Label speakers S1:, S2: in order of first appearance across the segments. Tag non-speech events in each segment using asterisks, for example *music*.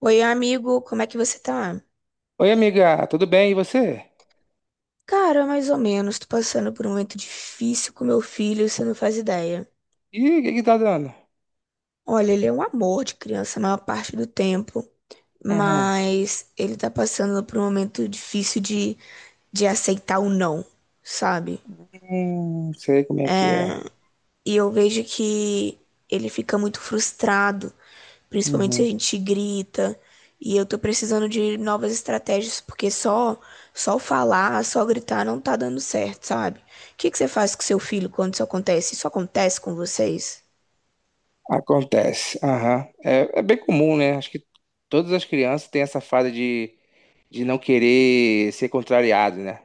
S1: Oi, amigo, como é que você tá?
S2: Oi, amiga, tudo bem? E você?
S1: Cara, mais ou menos, tô passando por um momento difícil com meu filho, você não faz ideia.
S2: Ih, o que que tá dando?
S1: Olha, ele é um amor de criança a maior parte do tempo,
S2: Uhum.
S1: mas ele tá passando por um momento de aceitar o não, sabe?
S2: Sei como é que
S1: É.
S2: é.
S1: E eu vejo que ele fica muito frustrado, principalmente se a
S2: Uhum.
S1: gente grita. E eu tô precisando de novas estratégias, porque só falar, só gritar não tá dando certo, sabe? O que que você faz com seu filho quando isso acontece? Isso acontece com vocês?
S2: Acontece. Aham. É bem comum, né? Acho que todas as crianças têm essa fase de não querer ser contrariado, né?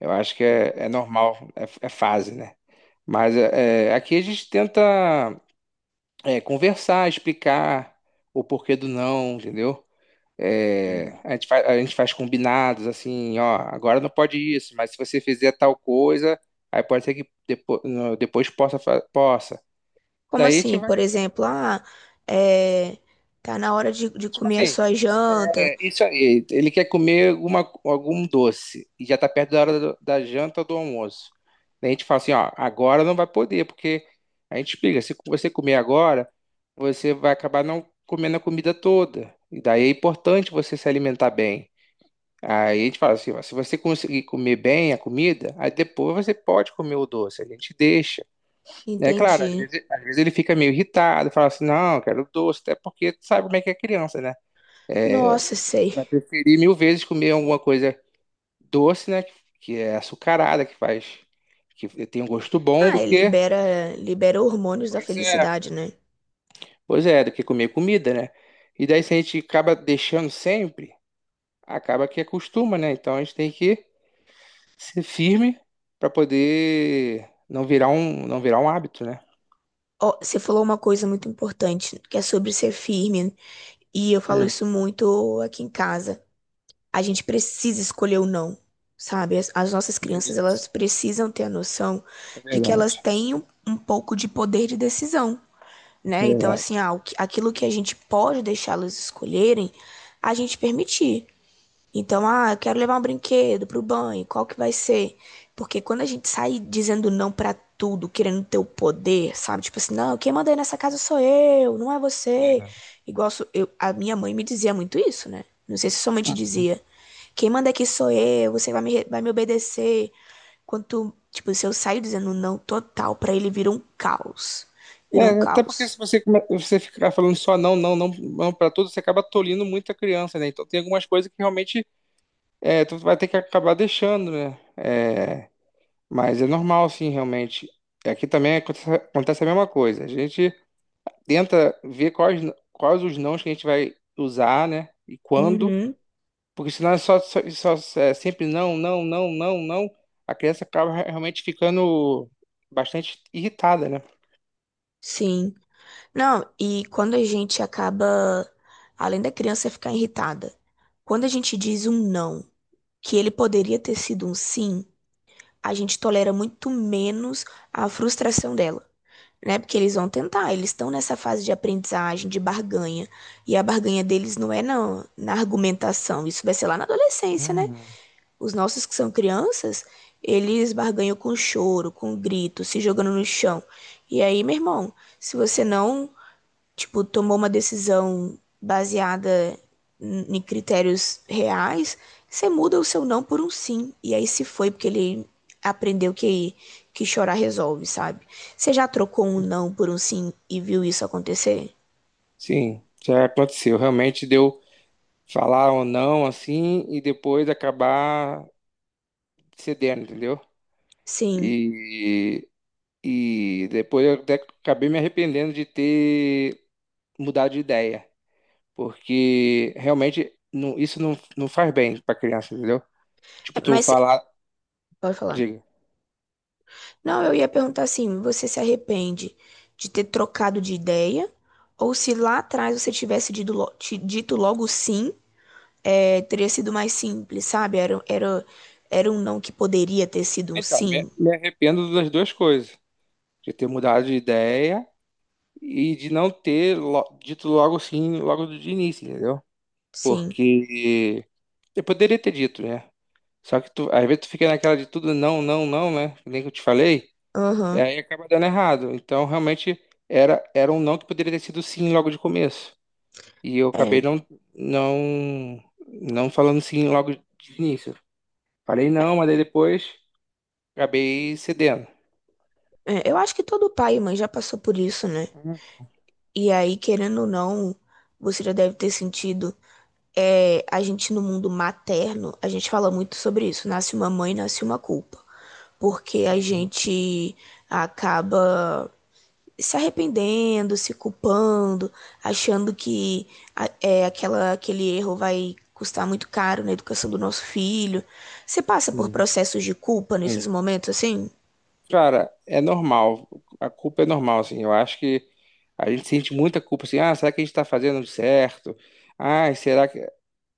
S2: Eu acho que é normal, é fase, né? Mas aqui a gente tenta conversar, explicar o porquê do não, entendeu? É,
S1: Sim.
S2: a gente faz combinados assim, ó, agora não pode isso, mas se você fizer tal coisa, aí pode ser que depois possa, possa.
S1: Como
S2: Daí a gente
S1: assim?
S2: vai,
S1: Por exemplo, é, tá na hora de
S2: Tipo
S1: comer a
S2: assim,
S1: sua janta.
S2: isso aí, ele quer comer algum doce e já tá perto da hora da janta ou do almoço. Daí a gente fala assim, ó, agora não vai poder, porque a gente explica, se você comer agora, você vai acabar não comendo a comida toda. E daí é importante você se alimentar bem. Aí a gente fala assim, ó, se você conseguir comer bem a comida, aí depois você pode comer o doce, a gente deixa. É claro,
S1: Entendi.
S2: às vezes ele fica meio irritado, fala assim, não, eu quero doce, até porque tu sabe como é que é criança, né?
S1: Nossa, sei.
S2: Vai preferir mil vezes comer alguma coisa doce, né? Que é açucarada, que faz, que tem um gosto bom
S1: Ah,
S2: do
S1: ele
S2: que.
S1: libera, libera hormônios da
S2: Pois é.
S1: felicidade, né?
S2: Pois é, do que comer comida, né? E daí se a gente acaba deixando sempre, acaba que acostuma, né? Então a gente tem que ser firme para poder não virar um hábito, né?
S1: Ó, você falou uma coisa muito importante, que é sobre ser firme, né? E eu falo
S2: Hum,
S1: isso muito aqui em casa. A gente precisa escolher o não, sabe? As nossas crianças, elas
S2: isso.
S1: precisam ter a noção
S2: É
S1: de que elas
S2: verdade,
S1: têm um pouco de poder de decisão, né?
S2: é
S1: Então,
S2: verdade.
S1: assim, ah, aquilo que a gente pode deixá-las escolherem, a gente permitir. Então, ah, eu quero levar um brinquedo pro banho, qual que vai ser? Porque quando a gente sai dizendo não pra tudo, querendo ter o poder, sabe? Tipo assim, não, quem manda aí nessa casa sou eu, não é você.
S2: É.
S1: Igual eu, a minha mãe me dizia muito isso, né? Não sei se somente dizia, quem manda aqui sou eu, você vai vai me obedecer. Quanto, tipo, se eu saio dizendo não total pra ele, vira um caos. Vira
S2: É,
S1: um
S2: até porque
S1: caos.
S2: se você, você ficar falando só não, não, não, não para tudo, você acaba tolindo muito a criança, né? Então tem algumas coisas que realmente tu vai ter que acabar deixando, né? É, mas é normal, sim, realmente. E aqui também acontece a mesma coisa. A gente tenta ver quais os nãos que a gente vai usar, né? E quando.
S1: Uhum,
S2: Porque senão é é sempre não, não, não, não, não. A criança acaba realmente ficando bastante irritada, né?
S1: sim. Não, e quando a gente acaba, além da criança ficar irritada, quando a gente diz um não, que ele poderia ter sido um sim, a gente tolera muito menos a frustração dela, né? Porque eles vão tentar, eles estão nessa fase de aprendizagem, de barganha, e a barganha deles não é na argumentação, isso vai ser lá na adolescência, né? Os nossos que são crianças, eles barganham com choro, com grito, se jogando no chão. E aí, meu irmão, se você não tipo, tomou uma decisão baseada em critérios reais, você muda o seu não por um sim. E aí se foi porque ele aprendeu que chorar resolve, sabe? Você já trocou um não por um sim e viu isso acontecer?
S2: Sim, já aconteceu. Realmente deu falar ou não assim e depois acabar cedendo, entendeu?
S1: Sim.
S2: E, e depois eu até acabei me arrependendo de ter mudado de ideia. Porque realmente não, isso não, não faz bem pra criança, entendeu?
S1: É,
S2: Tipo, tu
S1: mas
S2: falar,
S1: pode falar.
S2: diga.
S1: Não, eu ia perguntar assim, você se arrepende de ter trocado de ideia? Ou se lá atrás você tivesse dito logo sim, é, teria sido mais simples, sabe? Era um não que poderia ter sido um
S2: Então,
S1: sim.
S2: me arrependo das duas coisas. De ter mudado de ideia e de não ter dito logo sim, logo de início, entendeu?
S1: Sim.
S2: Porque eu poderia ter dito, né? Só que tu, às vezes tu fica naquela de tudo não, não, não, né? Que nem que eu te falei, e
S1: Aham.
S2: aí acaba dando errado. Então, realmente, era um não que poderia ter sido sim logo de começo. E eu
S1: É,
S2: acabei não falando sim logo de início. Falei
S1: é,
S2: não, mas aí depois acabei cedendo.
S1: eu acho que todo pai e mãe já passou por isso, né? E aí, querendo ou não, você já deve ter sentido. É, a gente no mundo materno, a gente fala muito sobre isso. Nasce uma mãe, nasce uma culpa. Porque a
S2: Uhum,
S1: gente acaba se arrependendo, se culpando, achando que é, aquele erro vai custar muito caro na educação do nosso filho. Você passa por
S2: sim,
S1: processos de culpa nesses
S2: sim.
S1: momentos assim?
S2: Cara, é normal. A culpa é normal, assim. Eu acho que a gente sente muita culpa, assim. Ah, será que a gente tá fazendo certo? Ai, será que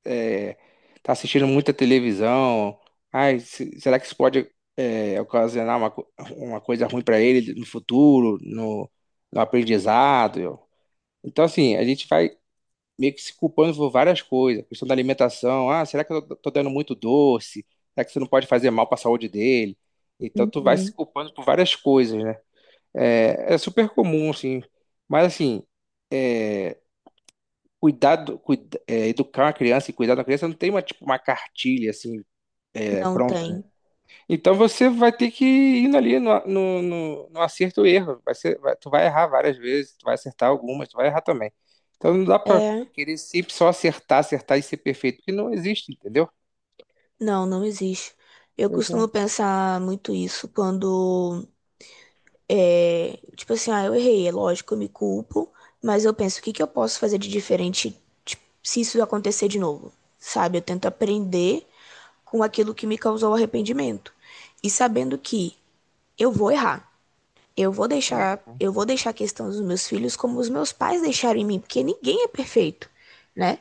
S2: é, tá assistindo muita televisão? Ai, será que isso pode ocasionar uma coisa ruim para ele no futuro, no aprendizado? Então, assim, a gente vai meio que se culpando por várias coisas. A questão da alimentação, ah, será que eu tô dando muito doce? Será que isso não pode fazer mal para a saúde dele? Então tu vai
S1: Uhum.
S2: se culpando por várias coisas, né? É super comum, assim. Mas assim, educar uma criança e cuidar da criança não tem uma, tipo, uma cartilha assim,
S1: Não
S2: pronta, né?
S1: tem.
S2: Então você vai ter que ir indo ali no acerto e erro. Tu vai errar várias vezes, tu vai acertar algumas, tu vai errar também. Então não dá pra
S1: É,
S2: querer sempre só acertar, acertar e ser perfeito, porque não existe, entendeu?
S1: não, não existe. Eu
S2: Pois
S1: costumo
S2: é.
S1: pensar muito isso quando é, tipo assim, ah, eu errei, é lógico, eu me culpo, mas eu penso, o que que eu posso fazer de diferente, tipo, se isso acontecer de novo? Sabe? Eu tento aprender com aquilo que me causou arrependimento. E sabendo que eu vou errar.
S2: Hum.
S1: Eu vou deixar a questão dos meus filhos como os meus pais deixaram em mim, porque ninguém é perfeito, né?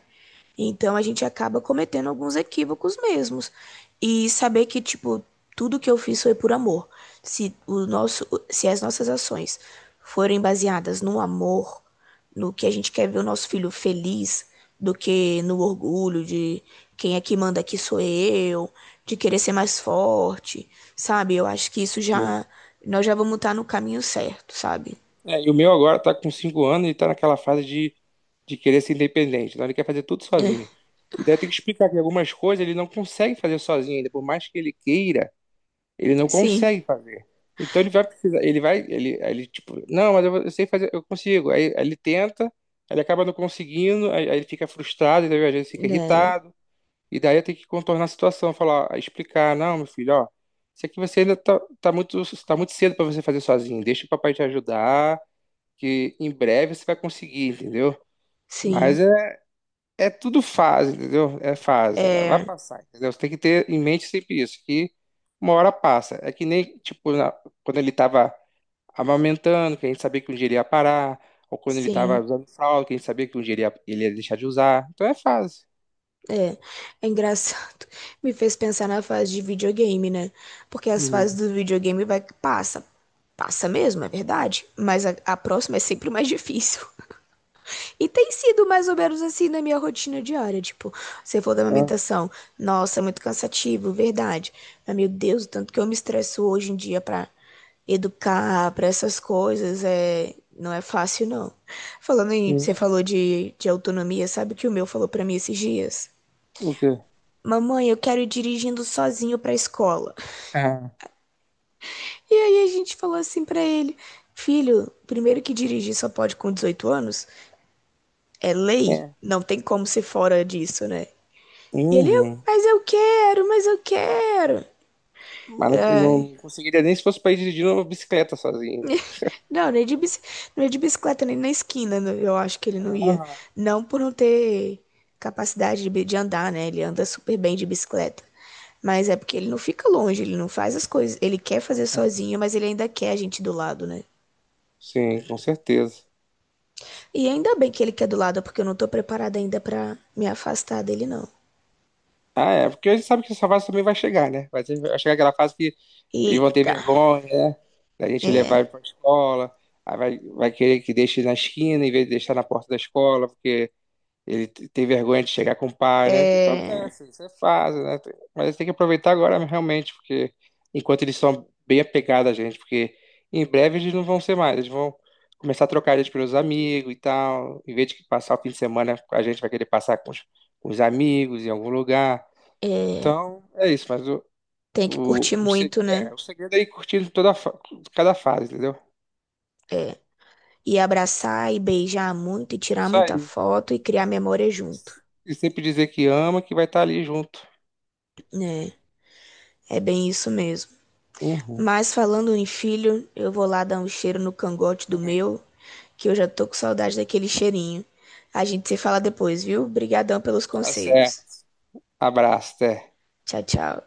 S1: Então a gente acaba cometendo alguns equívocos mesmos. E saber que, tipo, tudo que eu fiz foi por amor. Se o nosso, se as nossas ações forem baseadas no amor, no que a gente quer ver o nosso filho feliz, do que no orgulho de quem é que manda aqui sou eu, de querer ser mais forte, sabe? Eu acho que isso já nós já vamos estar no caminho certo, sabe?
S2: É, e o meu agora tá com 5 anos e tá naquela fase de querer ser independente. Então ele quer fazer tudo sozinho.
S1: *laughs*
S2: E daí tem que explicar que algumas coisas ele não consegue fazer sozinho ainda, por mais que ele queira. Ele não
S1: Sim,
S2: consegue fazer. Então ele vai precisar, ele vai, ele tipo, não, mas eu sei fazer, eu consigo. Aí ele tenta, aí ele acaba não conseguindo, aí ele fica frustrado, entendeu? Às vezes fica
S1: né?
S2: irritado. E daí eu tenho que contornar a situação, falar, explicar, não, meu filho, ó, isso aqui você ainda tá muito, tá muito cedo para você fazer sozinho. Deixa o papai te ajudar, que em breve você vai conseguir, entendeu? Mas
S1: Sim,
S2: é tudo fase, entendeu? É fase, vai
S1: é,
S2: passar, entendeu? Você tem que ter em mente sempre isso, que uma hora passa. É que nem, tipo, quando ele tava amamentando, que a gente sabia que um dia ele ia parar, ou quando ele tava
S1: sim.
S2: usando fralda, que a gente sabia que um dia ele ia deixar de usar. Então é fase.
S1: É, é engraçado. *laughs* Me fez pensar na fase de videogame, né? Porque as fases
S2: Uhum.
S1: do videogame vai passa, passa mesmo, é verdade, mas a próxima é sempre mais difícil. *laughs* E tem sido mais ou menos assim na minha rotina diária, tipo, se for da
S2: Ah,
S1: amamentação, nossa, é muito cansativo, verdade. Mas meu Deus, o tanto que eu me estresso hoje em dia pra educar, pra essas coisas, é não é fácil não. Você
S2: uhum.
S1: falou de autonomia, sabe o que o meu falou pra mim esses dias?
S2: O quê?
S1: Mamãe, eu quero ir dirigindo sozinho pra escola.
S2: Ah,
S1: E aí a gente falou assim pra ele: Filho, primeiro que dirigir só pode com 18 anos, é lei,
S2: é.
S1: não tem como ser fora disso, né? E ele:
S2: Uhum.
S1: Mas eu quero, mas eu quero.
S2: Mas não conseguiria nem se fosse pra ir dirigindo uma bicicleta sozinho.
S1: Não, nem de bicicleta, nem na esquina, né? Eu acho que ele não ia.
S2: Aham.
S1: Não por não ter capacidade de andar, né? Ele anda super bem de bicicleta. Mas é porque ele não fica longe, ele não faz as coisas. Ele quer fazer sozinho, mas ele ainda quer a gente do lado, né?
S2: Sim, com certeza.
S1: E ainda bem que ele quer do lado, porque eu não tô preparada ainda pra me afastar dele, não.
S2: Ah, é, porque a gente sabe que essa fase também vai chegar, né? Vai chegar aquela fase que eles vão ter
S1: Eita.
S2: vergonha, né? Da gente levar
S1: É,
S2: ele pra escola, aí vai querer que deixe na esquina em vez de deixar na porta da escola, porque ele tem vergonha de chegar com o pai, né? Isso
S1: é,
S2: acontece, isso é fase, né? Mas tem que aproveitar agora realmente, porque enquanto eles são bem apegados a gente, porque em breve eles não vão ser mais, eles vão começar a trocar a gente pelos amigos e tal, em vez de passar o fim de semana, a gente vai querer passar com com os amigos em algum lugar.
S1: é.
S2: Então, é isso, mas
S1: Tem que curtir
S2: o, se-
S1: muito, né?
S2: é, o segredo é ir curtindo cada fase, entendeu?
S1: É. E abraçar e beijar muito, e tirar
S2: Isso
S1: muita
S2: aí.
S1: foto e criar memória junto.
S2: E sempre dizer que ama, que vai estar ali junto.
S1: Né, é bem isso mesmo.
S2: Uhum.
S1: Mas falando em filho, eu vou lá dar um cheiro no cangote do meu, que eu já tô com saudade daquele cheirinho. A gente se fala depois, viu? Obrigadão pelos
S2: Tá
S1: conselhos.
S2: certo. Abraço, até.
S1: Tchau, tchau.